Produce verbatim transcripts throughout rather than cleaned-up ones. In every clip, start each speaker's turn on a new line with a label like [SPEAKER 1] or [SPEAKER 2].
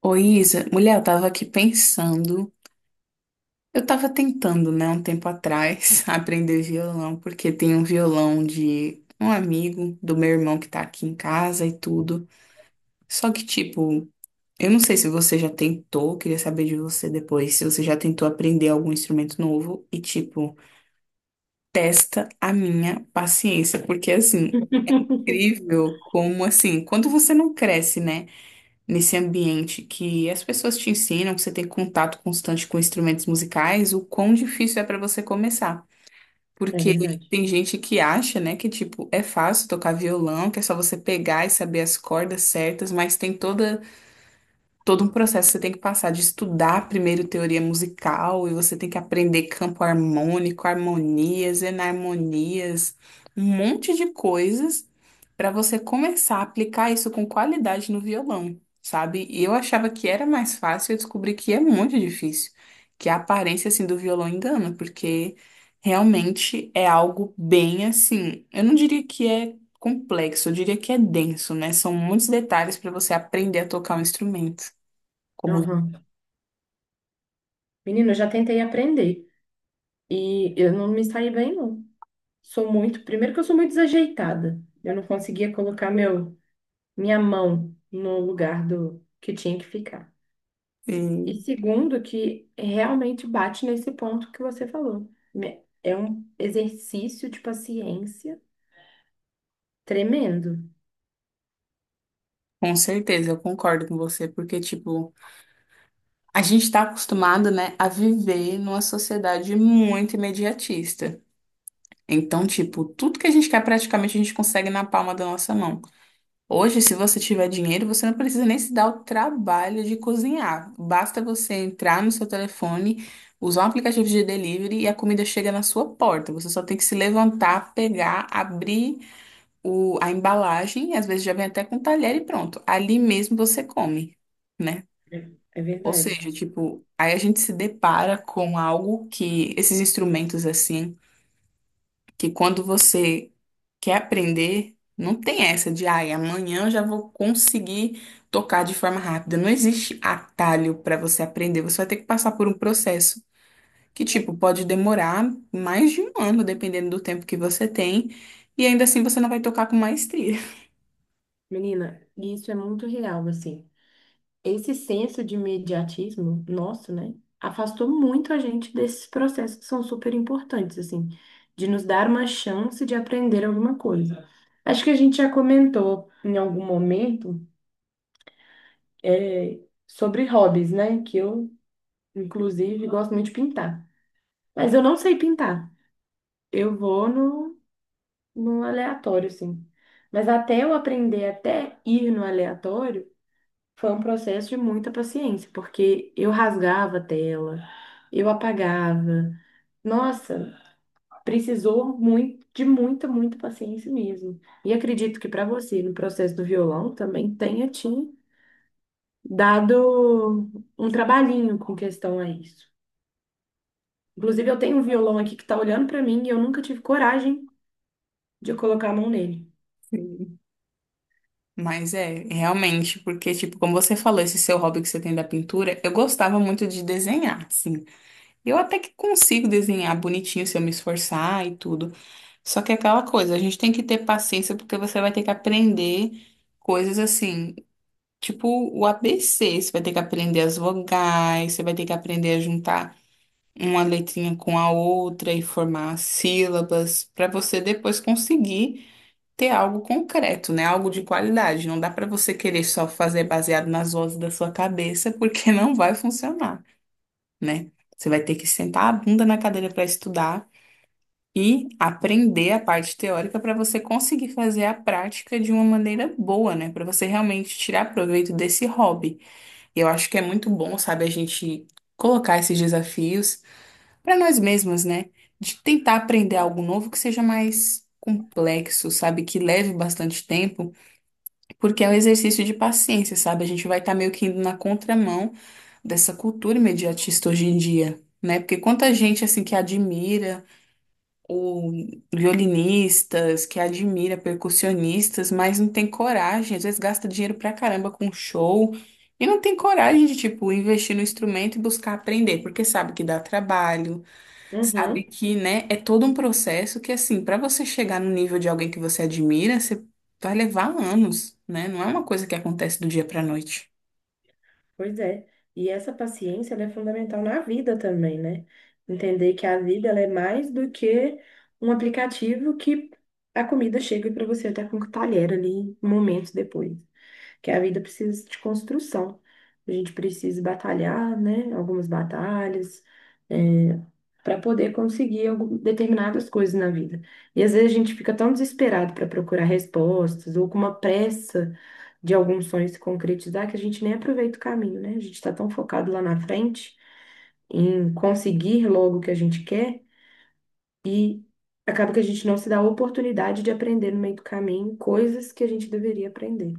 [SPEAKER 1] Ô Isa, mulher, eu tava aqui pensando. Eu tava tentando, né, um tempo atrás, aprender violão, porque tem um violão de um amigo do meu irmão que tá aqui em casa e tudo. Só que, tipo, eu não sei se você já tentou, queria saber de você depois, se você já tentou aprender algum instrumento novo e, tipo, testa a minha paciência, porque, assim, incrível como, assim, quando você não cresce, né? Nesse ambiente que as pessoas te ensinam, que você tem contato constante com instrumentos musicais, o quão difícil é para você começar.
[SPEAKER 2] É
[SPEAKER 1] Porque
[SPEAKER 2] verdade.
[SPEAKER 1] tem gente que acha, né, que tipo, é fácil tocar violão, que é só você pegar e saber as cordas certas, mas tem toda todo um processo que você tem que passar de estudar primeiro teoria musical e você tem que aprender campo harmônico, harmonias, enarmonias, um monte de coisas para você começar a aplicar isso com qualidade no violão, sabe? E eu achava que era mais fácil, eu descobri que é muito difícil, que a aparência assim do violão engana, porque realmente é algo bem assim, eu não diria que é complexo, eu diria que é denso, né? São muitos detalhes para você aprender a tocar um instrumento. Como
[SPEAKER 2] Aham. Menina, eu já tentei aprender e eu não me saí bem, não. Sou muito, primeiro que eu sou muito desajeitada. Eu não conseguia colocar meu, minha mão no lugar do que tinha que ficar.
[SPEAKER 1] e,
[SPEAKER 2] E segundo, que realmente bate nesse ponto que você falou. Me- É um exercício de paciência tremendo.
[SPEAKER 1] com certeza, eu concordo com você, porque tipo, a gente está acostumado, né, a viver numa sociedade muito imediatista. Então, tipo, tudo que a gente quer praticamente a gente consegue na palma da nossa mão. Hoje, se você tiver dinheiro, você não precisa nem se dar o trabalho de cozinhar. Basta você entrar no seu telefone, usar um aplicativo de delivery e a comida chega na sua porta. Você só tem que se levantar, pegar, abrir o, a embalagem, às vezes já vem até com talher e pronto. Ali mesmo você come, né?
[SPEAKER 2] É é
[SPEAKER 1] Ou
[SPEAKER 2] verdade.
[SPEAKER 1] seja, tipo, aí a gente se depara com algo que esses instrumentos assim, que quando você quer aprender, não tem essa de, ai, amanhã eu já vou conseguir tocar de forma rápida. Não existe atalho para você aprender. Você vai ter que passar por um processo que, tipo, pode demorar mais de um ano, dependendo do tempo que você tem, e ainda assim você não vai tocar com maestria.
[SPEAKER 2] Menina, e isso é muito real, assim. Esse senso de imediatismo nosso, né, afastou muito a gente desses processos que são super importantes, assim, de nos dar uma chance de aprender alguma coisa. Acho que a gente já comentou em algum momento, é, sobre hobbies, né, que eu, inclusive, gosto muito de pintar. Mas eu não sei pintar. Eu vou no, no aleatório, assim. Mas até eu aprender, até ir no aleatório, foi um processo de muita paciência, porque eu rasgava a tela, eu apagava. Nossa, precisou muito, de muita, muita paciência mesmo. E acredito que para você, no processo do violão, também tenha te dado um trabalhinho com questão a isso. Inclusive, eu tenho um violão aqui que está olhando para mim e eu nunca tive coragem de colocar a mão nele.
[SPEAKER 1] Sim. Mas é, realmente, porque, tipo, como você falou, esse seu hobby que você tem da pintura, eu gostava muito de desenhar, sim. Eu até que consigo desenhar bonitinho se eu me esforçar e tudo. Só que é aquela coisa, a gente tem que ter paciência porque você vai ter que aprender coisas assim, tipo o A B C, você vai ter que aprender as vogais, você vai ter que aprender a juntar uma letrinha com a outra e formar sílabas para você depois conseguir ter algo concreto, né? Algo de qualidade. Não dá para você querer só fazer baseado nas vozes da sua cabeça, porque não vai funcionar, né? Você vai ter que sentar a bunda na cadeira para estudar e aprender a parte teórica para você conseguir fazer a prática de uma maneira boa, né? Para você realmente tirar proveito desse hobby. E eu acho que é muito bom, sabe, a gente colocar esses desafios para nós mesmos, né? De tentar aprender algo novo que seja mais complexo, sabe, que leve bastante tempo, porque é um exercício de paciência, sabe? A gente vai estar meio que indo na contramão dessa cultura imediatista hoje em dia, né? Porque quanta gente, assim, que admira o violinistas, que admira percussionistas, mas não tem coragem, às vezes gasta dinheiro pra caramba com show e não tem coragem de, tipo, investir no instrumento e buscar aprender, porque sabe que dá trabalho. Sabe
[SPEAKER 2] Uhum.
[SPEAKER 1] que, né, é todo um processo que, assim, para você chegar no nível de alguém que você admira, você vai levar anos, né? Não é uma coisa que acontece do dia para noite.
[SPEAKER 2] Pois é. E essa paciência, ela é fundamental na vida também, né? Entender que a vida, ela é mais do que um aplicativo que a comida chega para você até com o talher ali momentos depois. Que a vida precisa de construção. A gente precisa batalhar, né? Algumas batalhas para poder conseguir algum- determinadas coisas na vida. E às vezes a gente fica tão desesperado para procurar respostas ou com uma pressa de algum sonho se concretizar que a gente nem aproveita o caminho, né? A gente está tão focado lá na frente em conseguir logo o que a gente quer e acaba que a gente não se dá a oportunidade de aprender no meio do caminho coisas que a gente deveria aprender.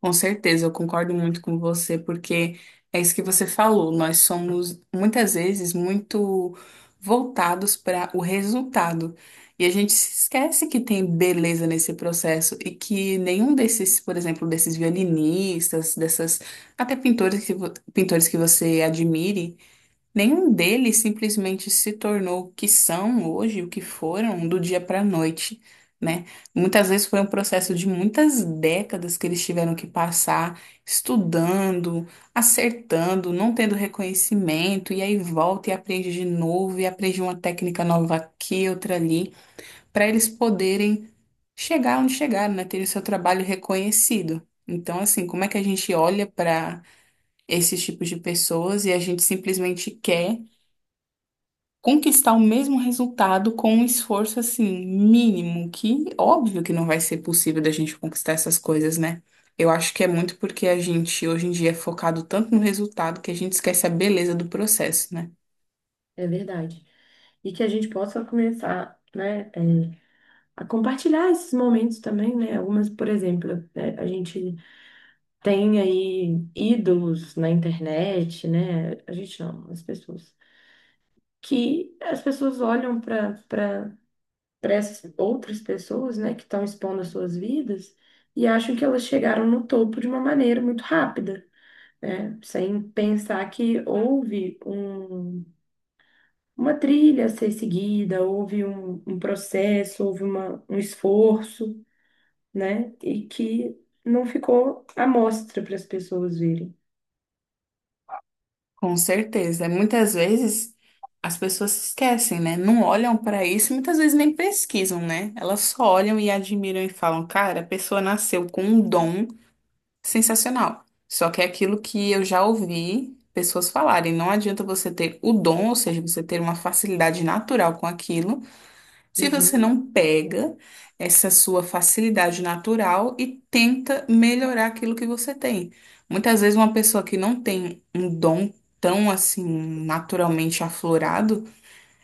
[SPEAKER 1] Com certeza, eu concordo muito com você, porque é isso que você falou. Nós somos, muitas vezes, muito voltados para o resultado. E a gente se esquece que tem beleza nesse processo e que nenhum desses, por exemplo, desses violinistas, dessas até pintores que, vo- pintores que você admire. Nenhum deles simplesmente se tornou o que são hoje, o que foram, do dia para a noite, né? Muitas vezes foi um processo de muitas décadas que eles tiveram que passar estudando, acertando, não tendo reconhecimento, e aí volta e aprende de novo, e aprende uma técnica nova aqui, outra ali, para eles poderem chegar onde chegaram, né? Ter o seu trabalho reconhecido. Então, assim, como é que a gente olha para esses tipos de pessoas e a gente simplesmente quer conquistar o mesmo resultado com um esforço assim mínimo, que óbvio que não vai ser possível da gente conquistar essas coisas, né? Eu acho que é muito porque a gente hoje em dia é focado tanto no resultado que a gente esquece a beleza do processo, né?
[SPEAKER 2] É verdade. E que a gente possa começar, né, é, a compartilhar esses momentos também, né? Algumas, por exemplo, né, a gente tem aí ídolos na internet, né? A gente não, as pessoas. Que as pessoas olham para para essas outras pessoas, né, que estão expondo as suas vidas e acham que elas chegaram no topo de uma maneira muito rápida, né? Sem pensar que houve um, uma trilha a ser seguida, houve um, um processo, houve uma, um esforço, né? E que não ficou à mostra para as pessoas verem.
[SPEAKER 1] Com certeza. Muitas vezes as pessoas se esquecem, né? Não olham para isso e muitas vezes nem pesquisam, né? Elas só olham e admiram e falam, cara, a pessoa nasceu com um dom. Sensacional. Só que é aquilo que eu já ouvi pessoas falarem. Não adianta você ter o dom, ou seja, você ter uma facilidade natural com aquilo, se você
[SPEAKER 2] Uhum,
[SPEAKER 1] não pega essa sua facilidade natural e tenta melhorar aquilo que você tem. Muitas vezes uma pessoa que não tem um dom tão assim naturalmente aflorado,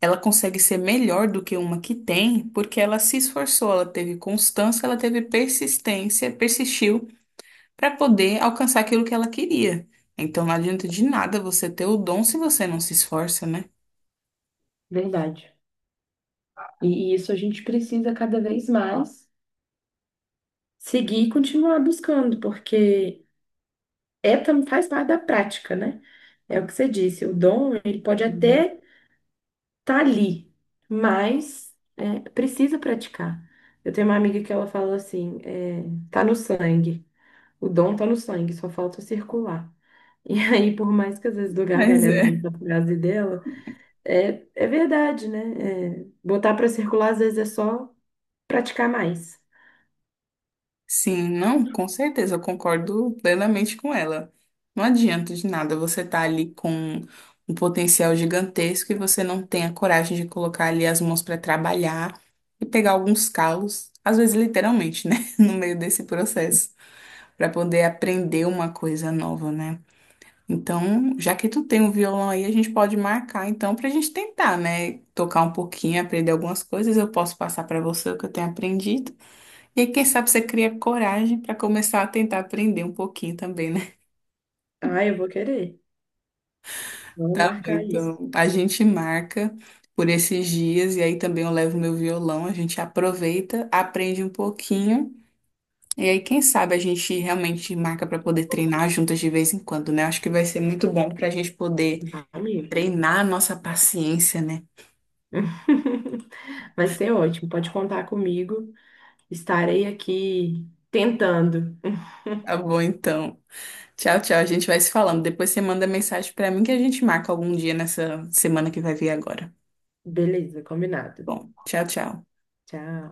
[SPEAKER 1] ela consegue ser melhor do que uma que tem, porque ela se esforçou, ela teve constância, ela teve persistência, persistiu para poder alcançar aquilo que ela queria. Então não adianta de nada você ter o dom se você não se esforça, né?
[SPEAKER 2] verdade. E, e isso a gente precisa cada vez mais seguir e continuar buscando, porque é, tam- faz parte da prática, né? É o que você disse, o dom, ele pode
[SPEAKER 1] Sim.
[SPEAKER 2] até tá ali, mas é, precisa praticar. Eu tenho uma amiga que ela fala assim, é, tá no sangue, o dom tá no sangue, só falta circular. E aí, por mais que às vezes do
[SPEAKER 1] Mas
[SPEAKER 2] gargalhada
[SPEAKER 1] é.
[SPEAKER 2] da frase dela, é, é verdade, né? É, botar pra circular às vezes é só praticar mais.
[SPEAKER 1] Sim, não, com certeza, eu concordo plenamente com ela. Não adianta de nada você estar ali com um potencial gigantesco e você não tem a coragem de colocar ali as mãos para trabalhar e pegar alguns calos, às vezes literalmente, né? No meio desse processo, para poder aprender uma coisa nova, né? Então, já que tu tem um violão aí, a gente pode marcar então pra gente tentar, né? Tocar um pouquinho, aprender algumas coisas. Eu posso passar pra você o que eu tenho aprendido. E aí, quem sabe você cria coragem pra começar a tentar aprender um pouquinho também, né?
[SPEAKER 2] Ah, eu vou querer. Vamos
[SPEAKER 1] Tá bom,
[SPEAKER 2] marcar isso.
[SPEAKER 1] então a gente marca por esses dias e aí também eu levo meu violão, a gente aproveita, aprende um pouquinho. E aí, quem sabe a gente realmente marca pra poder treinar juntas de vez em quando, né? Acho que vai ser muito bom pra gente poder
[SPEAKER 2] Amigo.
[SPEAKER 1] treinar a nossa paciência, né?
[SPEAKER 2] Vai ser ótimo. Pode contar comigo. Estarei aqui tentando.
[SPEAKER 1] Tá bom, então. Tchau, tchau. A gente vai se falando. Depois você manda mensagem pra mim que a gente marca algum dia nessa semana que vai vir agora.
[SPEAKER 2] Beleza, combinado.
[SPEAKER 1] Bom, tchau, tchau.
[SPEAKER 2] Tchau.